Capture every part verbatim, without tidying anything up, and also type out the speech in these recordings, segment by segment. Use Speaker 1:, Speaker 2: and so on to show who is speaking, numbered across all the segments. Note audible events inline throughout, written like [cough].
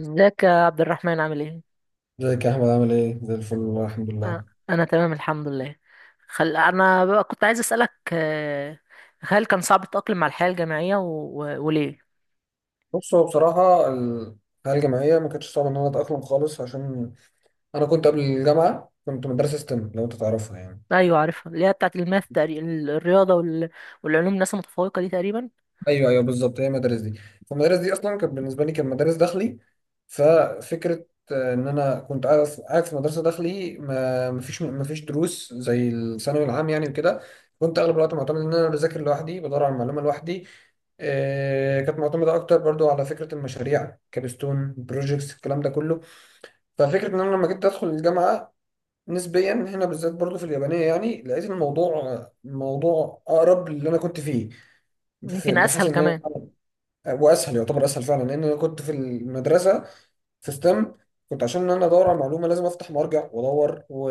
Speaker 1: ازيك يا عبد الرحمن، عامل ايه؟
Speaker 2: ازيك يا احمد، عامل ايه؟ زي الفل، والله الحمد لله.
Speaker 1: آه، انا تمام الحمد لله. خل... انا بقى كنت عايز اسالك، آه، هل كان صعب التاقلم مع الحياه الجامعيه و... و... وليه؟
Speaker 2: بص، هو بصراحه ال- الحياه الجامعيه ما كانتش صعبه ان انا اتاقلم خالص، عشان انا كنت قبل الجامعه كنت مدرسه ستيم، لو انت تعرفها يعني.
Speaker 1: ايوه عارفها، اللي هي بتاعت الماث تقريبا، الرياضه وال... والعلوم، الناس المتفوقه دي تقريبا.
Speaker 2: ايوه، ايوه، بالظبط، هي المدارس دي. فالمدارس دي اصلا كانت بالنسبه لي كانت مدارس داخلي. ففكره آه، ان انا كنت قاعد قاعد في مدرسه داخلي، ما مفيش مفيش دروس زي الثانوي العام يعني وكده. كنت اغلب الوقت معتمد ان انا بذاكر لوحدي، بدور على المعلومه لوحدي. آه، كانت معتمده اكتر برضو على فكره المشاريع، كابستون بروجيكتس، الكلام ده كله. ففكره ان انا لما جيت ادخل الجامعه، نسبيا هنا بالذات برضو في اليابانيه يعني، لقيت الموضوع موضوع اقرب للي انا كنت فيه. في-
Speaker 1: يمكن
Speaker 2: بحيث
Speaker 1: اسهل
Speaker 2: ان انا،
Speaker 1: كمان.
Speaker 2: واسهل، يعتبر اسهل فعلا، لان انا كنت في المدرسه في ستيم كنت عشان انا ادور على معلومه لازم افتح وارجع وادور و...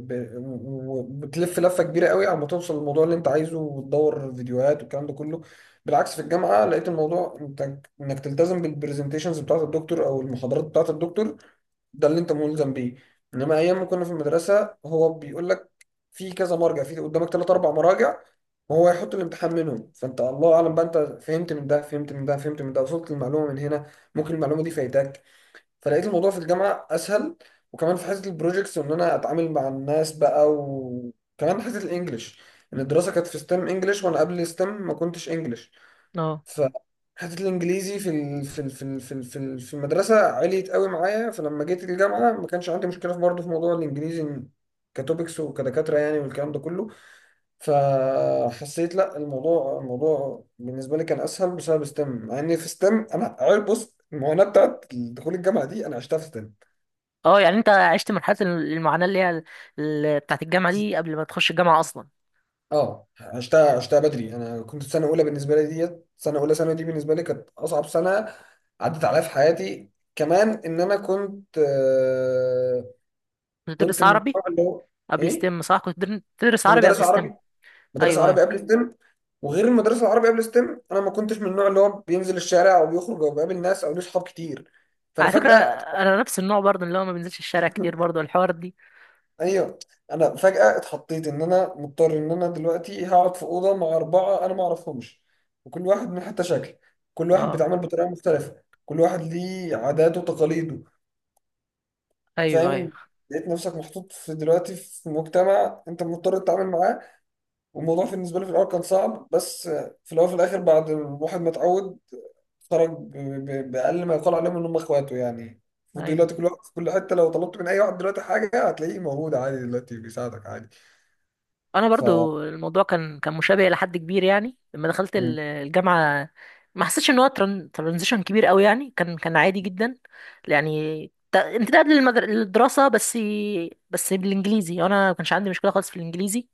Speaker 2: ب... وبتلف لفه كبيره قوي على ما توصل للموضوع اللي انت عايزه، وتدور فيديوهات والكلام ده كله. بالعكس، في الجامعه لقيت الموضوع انت انك تلتزم بالبرزنتيشنز بتاعه الدكتور او المحاضرات بتاعه الدكتور، ده اللي انت ملزم بيه. انما ايام ما كنا في المدرسه هو بيقول لك في كذا مرجع، في قدامك ثلاث اربع مراجع، وهو يحط الامتحان منهم، فانت الله اعلم بقى، انت فهمت من ده، فهمت من ده، فهمت من ده، وصلت المعلومه من هنا، ممكن المعلومه دي فايتاك. فلقيت الموضوع في الجامعه اسهل، وكمان في حته البروجيكتس وان انا اتعامل مع الناس بقى، وكمان حته الانجليش. ان الدراسه كانت في ستيم انجليش، وانا قبل ستيم ما كنتش انجليش.
Speaker 1: اه،
Speaker 2: فحته الانجليزي في ال- في ال- في ال- في ال- في ال- في المدرسه عليت قوي معايا، فلما جيت الجامعه ما كانش عندي مشكله، في برضه، في موضوع الانجليزي. كتوبكس وكدكاتره يعني والكلام ده كله. فحسيت لا، الموضوع الموضوع بالنسبه لي كان اسهل بسبب ستيم، مع ان في ستيم انا عارف، بص، المعاناه بتاعت دخول الجامعه دي انا عشتها في ستيم.
Speaker 1: اه، يعني انت عشت مرحله المعاناه اللي هي ال... ال- بتاعت الجامعه دي قبل ما تخش الجامعه اصلا.
Speaker 2: اه، عشتها عشتها بدري. انا كنت سنه اولى، بالنسبه لي، ديت سنه اولى ثانوي دي بالنسبه لي كانت اصعب سنه عدت عليا في حياتي. كمان ان انا كنت، آه
Speaker 1: كنت
Speaker 2: كنت
Speaker 1: بتدرس
Speaker 2: من النوع
Speaker 1: عربي
Speaker 2: اللي هو.
Speaker 1: قبل
Speaker 2: ايه،
Speaker 1: ستيم، صح؟ كنت بتدر- بتدرس
Speaker 2: كنت
Speaker 1: عربي
Speaker 2: مدرس
Speaker 1: قبل ستيم.
Speaker 2: عربي، مدرس
Speaker 1: ايوه،
Speaker 2: عربي
Speaker 1: ايوه.
Speaker 2: قبل ستيم. وغير المدرس العربي قبل ستيم، انا ما كنتش من النوع اللي هو بينزل الشارع او بيخرج او بيقابل ناس او ليه صحاب كتير. فانا
Speaker 1: على فكره
Speaker 2: فجاه.
Speaker 1: انا نفس النوع برضه، اللي هو ما بنزلش الشارع كتير، برضه الحوار دي.
Speaker 2: ايوه. انا فجأة اتحطيت ان انا مضطر، ان انا دلوقتي هقعد في أوضة مع أربعة انا ما اعرفهمش، وكل واحد من حتى شكل، كل واحد
Speaker 1: اه،
Speaker 2: بيتعامل بطريقة مختلفة، كل واحد ليه عاداته وتقاليده.
Speaker 1: ايوه، ايوه،
Speaker 2: فاهم. لقيت نفسك محطوط في دلوقتي في مجتمع انت مضطر تتعامل معاه، والموضوع بالنسبة لي في الاول كان صعب، بس في الاول وفي الاخر بعد الواحد ما اتعود، خرج ب- ب- بأقل ما يقال عليهم ان هم اخواته يعني.
Speaker 1: ايوه.
Speaker 2: ودلوقتي كل واحد في كل حتة، لو طلبت من اي واحد دلوقتي حاجة هتلاقيه موجود عادي، دلوقتي بيساعدك عادي.
Speaker 1: انا
Speaker 2: ف
Speaker 1: برضو الموضوع كان كان مشابه الى حد كبير، يعني لما دخلت
Speaker 2: مم.
Speaker 1: ال- الجامعه. ما حسيتش ان هو تران- ترانزيشن كبير قوي، يعني كان كان عادي جدا. يعني ت- امتداد للمدر... للدراسه بس. بس بالانجليزي انا ما كانش عندي مشكله خالص في الانجليزي،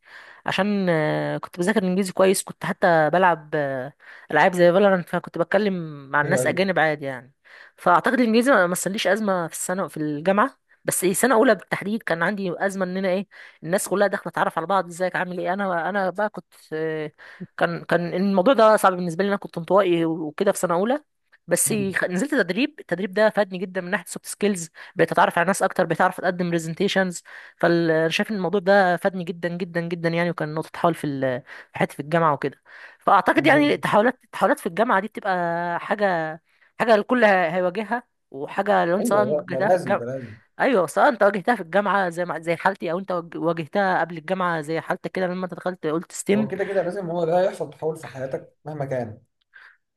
Speaker 1: عشان آه، كنت بذاكر الانجليزي كويس، كنت حتى بلعب آه، العاب زي فالورانت، فكنت بتكلم مع
Speaker 2: ايوه،
Speaker 1: الناس
Speaker 2: ايوه.
Speaker 1: اجانب عادي يعني. فاعتقد الانجليزي ما ما مثليش ازمه في السنه في الجامعه. بس سنه اولى بالتحديد كان عندي ازمه ان انا ايه. الناس كلها داخله تعرف على بعض، ازيك عامل ايه، انا انا بقى كنت آه، كان كان الموضوع ده صعب بالنسبه لي، انا كنت انطوائي وكده في سنه اولى. بس
Speaker 2: مم.
Speaker 1: خ- نزلت تدريب، التدريب ده فادني جدا من ناحيه سوفت سكيلز. بقيت اتعرف على ناس اكتر، بقيت اعرف اقدم برزنتيشنز، فانا شايف ان الموضوع ده فادني جدا جدا جدا يعني، وكان نقطه تحول في ال- في حياتي في الجامعه وكده. فاعتقد يعني
Speaker 2: مم.
Speaker 1: التحولات التحولات في الجامعه دي بتبقى حاجه حاجه الكل هي- هيواجهها، وحاجه لو انت
Speaker 2: ايوه.
Speaker 1: سواء
Speaker 2: لا، ده
Speaker 1: واجهتها في
Speaker 2: لازم، ده
Speaker 1: الجامعه.
Speaker 2: لازم.
Speaker 1: ايوه، سواء انت واجهتها في الجامعه زي ما زي حالتي، او انت واج- واجهتها قبل الجامعه زي حالتك كده، لما انت دخلت قلت
Speaker 2: هو
Speaker 1: ستيم.
Speaker 2: كده كده لازم، هو ده يحصل تحول في حياتك مهما كان،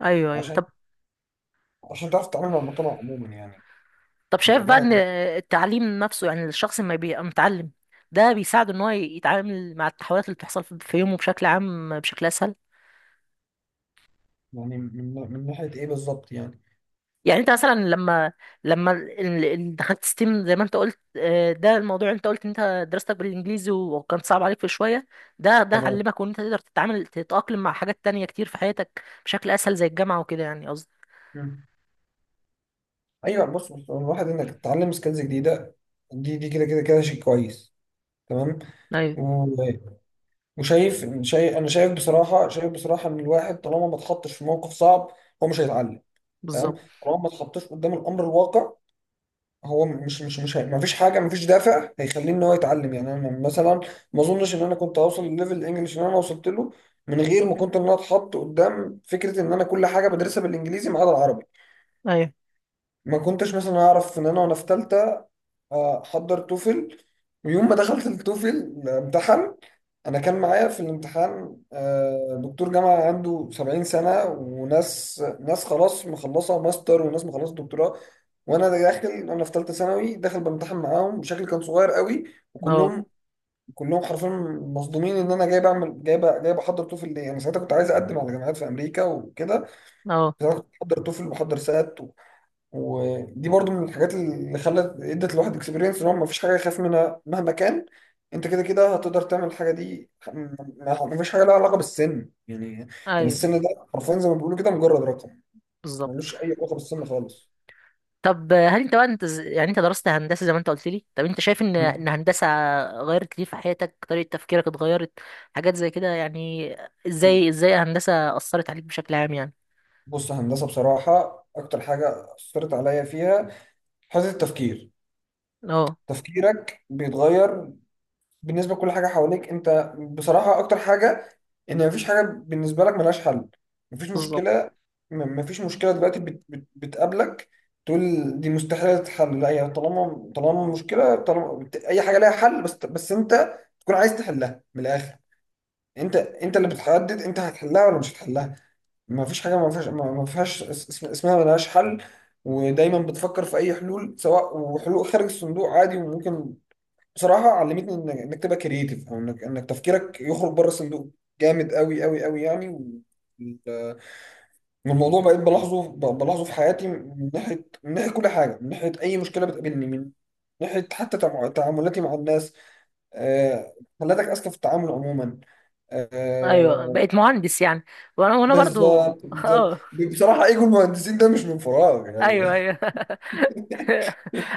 Speaker 1: ايوه، ايوه،
Speaker 2: عشان
Speaker 1: طب.
Speaker 2: عشان تعرف تتعامل مع المجتمع عموما يعني.
Speaker 1: طب شايف بقى
Speaker 2: الموضوع
Speaker 1: ان
Speaker 2: هيبقى
Speaker 1: التعليم نفسه، يعني الشخص ما بيبقى متعلم، ده بيساعده ان هو يتعامل مع التحولات اللي بتحصل في في يومه بشكل عام بشكل اسهل؟
Speaker 2: يعني من من ناحيه ايه بالظبط يعني؟
Speaker 1: يعني انت مثلا لما لما ال- ال- دخلت ستيم زي ما انت قلت، آه، ده الموضوع انت قلت ان انت دراستك بالانجليزي وكان صعب عليك في شويه، ده ده
Speaker 2: تمام.
Speaker 1: علمك ان انت تقدر تتعامل تتأقلم مع حاجات تانية كتير في حياتك بشكل اسهل زي الجامعه وكده، يعني قصدي.
Speaker 2: مم. ايوه، بص، بص، هو الواحد انك تتعلم سكيلز جديده دي دي كده كده كده شيء كويس. تمام.
Speaker 1: ايوه
Speaker 2: و- وشايف شايف انا شايف بصراحه شايف بصراحه ان الواحد طالما ما اتحطش في موقف صعب هو مش هيتعلم. تمام.
Speaker 1: بالظبط،
Speaker 2: طالما ما اتحطش قدام الامر الواقع هو مش مش مش ما فيش حاجه، ما فيش دافع هيخليه ان هو يتعلم يعني. انا مثلا ما اظنش ان انا كنت هوصل لليفل الانجليش اللي انا وصلت له من غير ما كنت ان انا اتحط قدام فكره ان انا كل حاجه بدرسها بالانجليزي ما عدا العربي.
Speaker 1: ايوه،
Speaker 2: ما كنتش مثلا اعرف ان انا وانا في ثالثه آه، حضر توفل، ويوم ما دخلت التوفل امتحن، انا كان معايا في الامتحان آه، دكتور جامعه عنده سبعين سنه، وناس ناس خلاص مخلصه ماستر، وناس مخلصه دكتوراه، وانا داخل، انا في ثالثه ثانوي داخل بامتحن معاهم بشكل كان صغير قوي.
Speaker 1: اه،
Speaker 2: وكلهم كلهم حرفيا مصدومين ان انا جاي بعمل، جاي ب- جاي بحضر توفل. ليه؟ انا ساعتها كنت عايز اقدم على جامعات في امريكا وكده.
Speaker 1: اه،
Speaker 2: ساعتها كنت بحضر توفل وبحضر سات. ودي برضو من الحاجات اللي خلت، ادت الواحد اكسبيرينس ان هو مفيش حاجه يخاف منها مهما كان، انت كده كده هتقدر تعمل الحاجه دي. م- م- مفيش حاجه لها علاقه بالسن يعني. يعني
Speaker 1: ايوه
Speaker 2: السن ده حرفيا زي ما بيقولوا كده، مجرد رقم،
Speaker 1: بالظبط.
Speaker 2: ملوش اي علاقه بالسن خالص.
Speaker 1: طب هل انت بقى انت ز- يعني انت درست هندسه زي ما انت قلت لي؟ طب انت شايف ان
Speaker 2: مم.
Speaker 1: ان هندسه غيرت ليه في حياتك؟ طريقه تفكيرك اتغيرت، حاجات زي كده يعني، ازاي ازاي هندسه اثرت عليك بشكل عام يعني؟
Speaker 2: بص، هندسه بصراحه اكتر حاجه اثرت عليا فيها حته التفكير.
Speaker 1: اه،
Speaker 2: تفكيرك بيتغير بالنسبه لكل حاجه حواليك. انت بصراحه اكتر حاجه، ان مفيش حاجه بالنسبه لك ملهاش حل. مفيش
Speaker 1: بالظبط.
Speaker 2: مشكله، م- مفيش مشكله دلوقتي بت بت بتقابلك تقول دي مستحيله تتحل. لا، هي طالما طالما مشكله، طالما بت- اي حاجه ليها حل، بس بس انت تكون عايز تحلها من الاخر. انت انت اللي بتحدد انت هتحلها ولا مش هتحلها. مفيش حاجه ما فيهاش، ما ما فيهاش اس- اسم- اسمها ملهاش حل. ودايما بتفكر في اي حلول، سواء وحلول خارج الصندوق، عادي وممكن. بصراحه علمتني انك انك تبقى كرييتيف، او انك انك تفكيرك يخرج بره الصندوق جامد قوي قوي قوي يعني. وال- والموضوع بقيت بلاحظه، ب- بلاحظه في حياتي، من ناحيه من ناحيه كل حاجه، من ناحيه اي مشكله بتقابلني، من ناحيه حتى تع- تعاملاتي مع الناس. آه، خلاتك اذكى في التعامل عموما.
Speaker 1: ايوه
Speaker 2: آه،
Speaker 1: بقيت مهندس يعني، وانا وانا برضو [laughs]
Speaker 2: بالظبط، بالظبط.
Speaker 1: اه،
Speaker 2: بصراحه، ايجو المهندسين ده مش من فراغ
Speaker 1: ايوه،
Speaker 2: يعني.
Speaker 1: ايوه [laughs]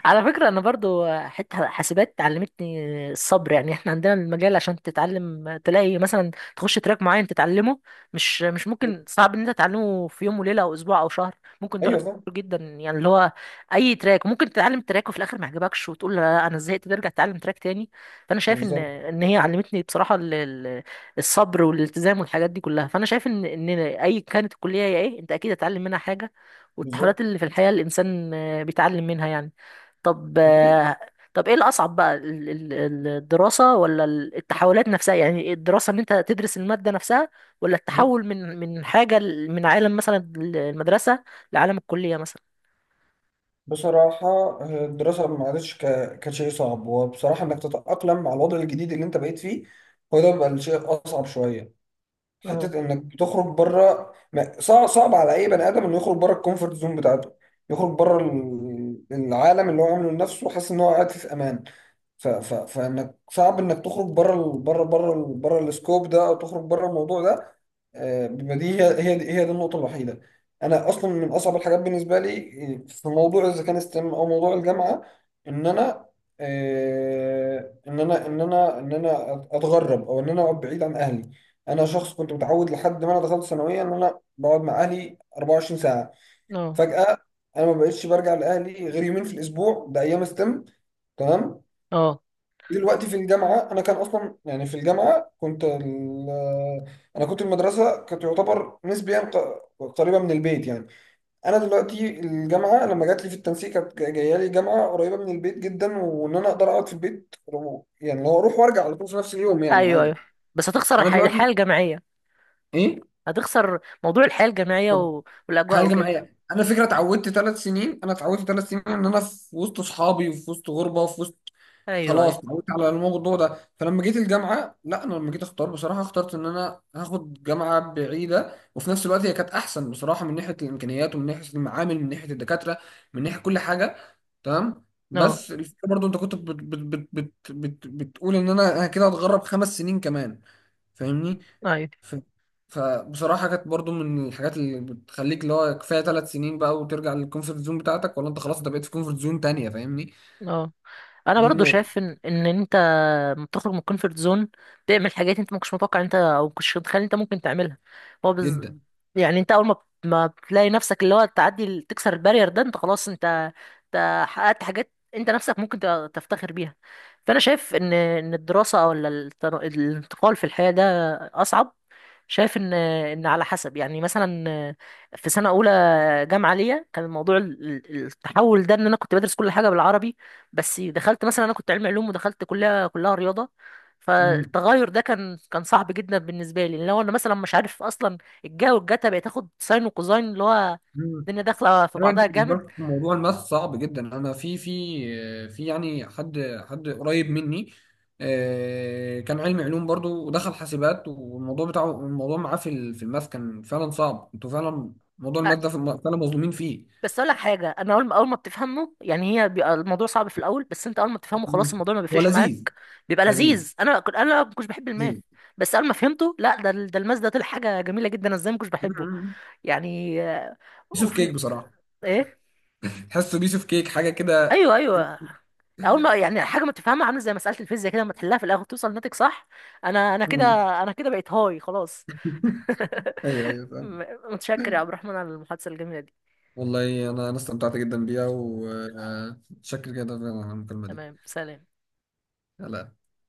Speaker 1: على فكره انا برضو حته حاسبات علمتني الصبر، يعني احنا عندنا المجال عشان تتعلم، تلاقي مثلا تخش تراك معين تتعلمه، مش مش ممكن،
Speaker 2: [laughs]
Speaker 1: صعب ان انت تتعلمه في يوم وليله او اسبوع او شهر، ممكن تقعد
Speaker 2: ايوه،
Speaker 1: كتير
Speaker 2: فاهم.
Speaker 1: جدا يعني، اللي هو اي تراك ممكن تتعلم تراك وفي الاخر ما يعجبكش وتقول لا انا زهقت، ترجع تتعلم تراك تاني. فانا شايف ان
Speaker 2: بالظبط،
Speaker 1: ان هي علمتني بصراحه ال- ال- الصبر والالتزام والحاجات دي كلها. فانا شايف ان ان اي كانت الكليه هي ايه، انت اكيد هتتعلم منها حاجه،
Speaker 2: بالظبط.
Speaker 1: والتحولات اللي في الحياة الإنسان آه، بيتعلم منها يعني. طب آه، طب إيه الأصعب بقى، ال- ال- ال- الدراسة ولا ال- التحولات نفسها؟ يعني إيه، الدراسة إن أنت تدرس المادة نفسها، ولا التحول من من حاجة ل- من عالم مثلا المدرسة لعالم الكلية مثلا؟
Speaker 2: بصراحة، آه، الدراسة ما عادتش ك- كشيء صعب، وبصراحة إنك تتأقلم مع الوضع الجديد اللي أنت بقيت فيه، هو ده بقى الشيء أصعب شوية.
Speaker 1: اه،
Speaker 2: حتة إنك تخرج بره، ما- صعب، صعب على أي بني آدم إنه يخرج بره الكومفورت زون بتاعته، يخرج بره ال- العالم اللي هو عامله لنفسه وحاسس إن هو قاعد فيه في أمان. ف... ف... فانك صعب انك تخرج بره ال... بره بره ال... بره السكوب ده، او تخرج بره الموضوع ده. آه، بيبقى دي هي. هي دي, هي دي النقطه الوحيده. انا اصلا من اصعب الحاجات بالنسبه لي، آه، في موضوع اذا كان ستيم او موضوع الجامعه، ان انا، آه، ان انا ان انا ان انا اتغرب او ان انا اقعد بعيد عن اهلي. انا شخص كنت متعود لحد ما انا دخلت ثانويه ان انا بقعد مع اهلي اربع وعشرين ساعه.
Speaker 1: اه،
Speaker 2: فجاه انا ما بقتش برجع لاهلي غير يومين في الاسبوع، ده ايام ستيم. تمام.
Speaker 1: اه،
Speaker 2: دلوقتي في الجامعة أنا كان أصلا يعني، في الجامعة كنت ال... أنا كنت المدرسة كانت تعتبر نسبيا ق- قريبة من البيت يعني. أنا دلوقتي الجامعة لما جات لي في التنسيق كانت جاية لي جامعة قريبة من البيت جدا، وإن أنا أقدر أقعد في البيت، رو- يعني لو أروح وأرجع على طول في نفس اليوم يعني
Speaker 1: أيوه،
Speaker 2: عادي.
Speaker 1: أيوه. بس هتخسر
Speaker 2: أنا
Speaker 1: الح- الحياة
Speaker 2: دلوقتي.
Speaker 1: الجامعية،
Speaker 2: إيه؟
Speaker 1: هتخسر موضوع الحياة الجامعية
Speaker 2: طب.
Speaker 1: و- والأجواء
Speaker 2: حاجة
Speaker 1: وكده.
Speaker 2: جماعية، أنا فكرة اتعودت ثلاث سنين، أنا اتعودت ثلاث سنين إن أنا في وسط أصحابي وفي وسط غربة وفي وسط.
Speaker 1: أيوه،
Speaker 2: خلاص
Speaker 1: أيوه،
Speaker 2: اتعودت على الموضوع ده. فلما جيت الجامعه، لا، انا لما جيت اختار، بصراحه اخترت ان انا هاخد جامعه بعيده، وفي نفس الوقت هي كانت احسن بصراحه من ناحيه الامكانيات، ومن ناحيه المعامل، من ناحيه الدكاتره، من ناحيه كل حاجه. تمام.
Speaker 1: اه،
Speaker 2: بس الفكره برضو، انت كنت بت بت بت بت بت بتقول ان انا انا كده هتغرب خمس سنين كمان، فاهمني؟
Speaker 1: أيوه،
Speaker 2: ف فبصراحه كانت برضو من الحاجات اللي بتخليك اللي هو كفايه ثلاث سنين بقى وترجع للكومفورت زون بتاعتك، ولا انت خلاص انت بقيت في كومفورت زون تانية، فاهمني؟
Speaker 1: اه. انا
Speaker 2: دي
Speaker 1: برضو
Speaker 2: النقطه.
Speaker 1: شايف ان ان انت لما بتخرج من الكونفرت زون تعمل حاجات انت ما كنتش متوقع، انت او ما كنتش متخيل انت ممكن تعملها. هو بز...
Speaker 2: جدا.
Speaker 1: يعني انت اول ما ما بتلاقي نفسك اللي هو تعدي ال- تكسر البارير ده، انت خلاص انت انت حققت حاجات انت نفسك ممكن ت- تفتخر بيها. فانا شايف ان ان الدراسه ولا التن- الانتقال في الحياه ده اصعب. شايف ان ان على حسب يعني، مثلا في سنه اولى جامعه ليا كان الموضوع ال- ال- التحول ده ان انا كنت بدرس كل حاجه بالعربي، بس دخلت مثلا، انا كنت علمي علوم ودخلت كلها كلها رياضه،
Speaker 2: مم.
Speaker 1: فالتغير ده كان كان صعب جدا بالنسبه لي. لو انا مثلا مش عارف اصلا الجا والجتا، بقيت اخد ساين وكوزاين، اللي هو
Speaker 2: مم.
Speaker 1: الدنيا داخله في
Speaker 2: ايوه، انت
Speaker 1: بعضها
Speaker 2: بالنسبه
Speaker 1: جامد.
Speaker 2: لك موضوع الماث صعب جدا. انا في، في في يعني حد حد قريب مني آه، كان علمي علوم برضو ودخل حاسبات، والموضوع بتاعه، الموضوع معاه في ال- في الماث كان فعلا صعب. انتوا فعلا موضوع
Speaker 1: أ-
Speaker 2: الماث ده في الم- فعلا مظلومين فيه.
Speaker 1: بس اقول لك حاجه، انا اول ما اول ما بتفهمه يعني، هي بيبقى الموضوع صعب في الاول، بس انت اول ما بتفهمه خلاص
Speaker 2: مم.
Speaker 1: الموضوع ما
Speaker 2: هو
Speaker 1: بيفرقش
Speaker 2: لذيذ.
Speaker 1: معاك، بيبقى
Speaker 2: لذيذ،
Speaker 1: لذيذ. انا كنت انا ما كنتش بحب الماث،
Speaker 2: لذيذ.
Speaker 1: بس اول ما فهمته، لا ده ال- ده الماث ده طلع حاجه جميله جدا، انا ازاي ما كنتش بحبه؟
Speaker 2: مم.
Speaker 1: يعني آه،
Speaker 2: بيس اوف كيك
Speaker 1: وفي
Speaker 2: بصراحه.
Speaker 1: ايه.
Speaker 2: تحسه بيس اوف كيك، حاجه كده.
Speaker 1: ايوه، ايوه، اول ما يعني حاجه ما تفهمها عامله زي مساله الفيزياء كده، لما تحلها في الاخر توصل ناتج صح، انا انا كده،
Speaker 2: مم.
Speaker 1: انا كده بقيت هاي خلاص.
Speaker 2: [laughs]
Speaker 1: [laughs]
Speaker 2: ايوه، ايوه، فاهم.
Speaker 1: م- متشكر يا عبد الرحمن على المحادثه الجميله دي.
Speaker 2: والله انا انا استمتعت جدا بيها، وشكرا جدا على المكالمه دي.
Speaker 1: تمام، سلام.
Speaker 2: يلا.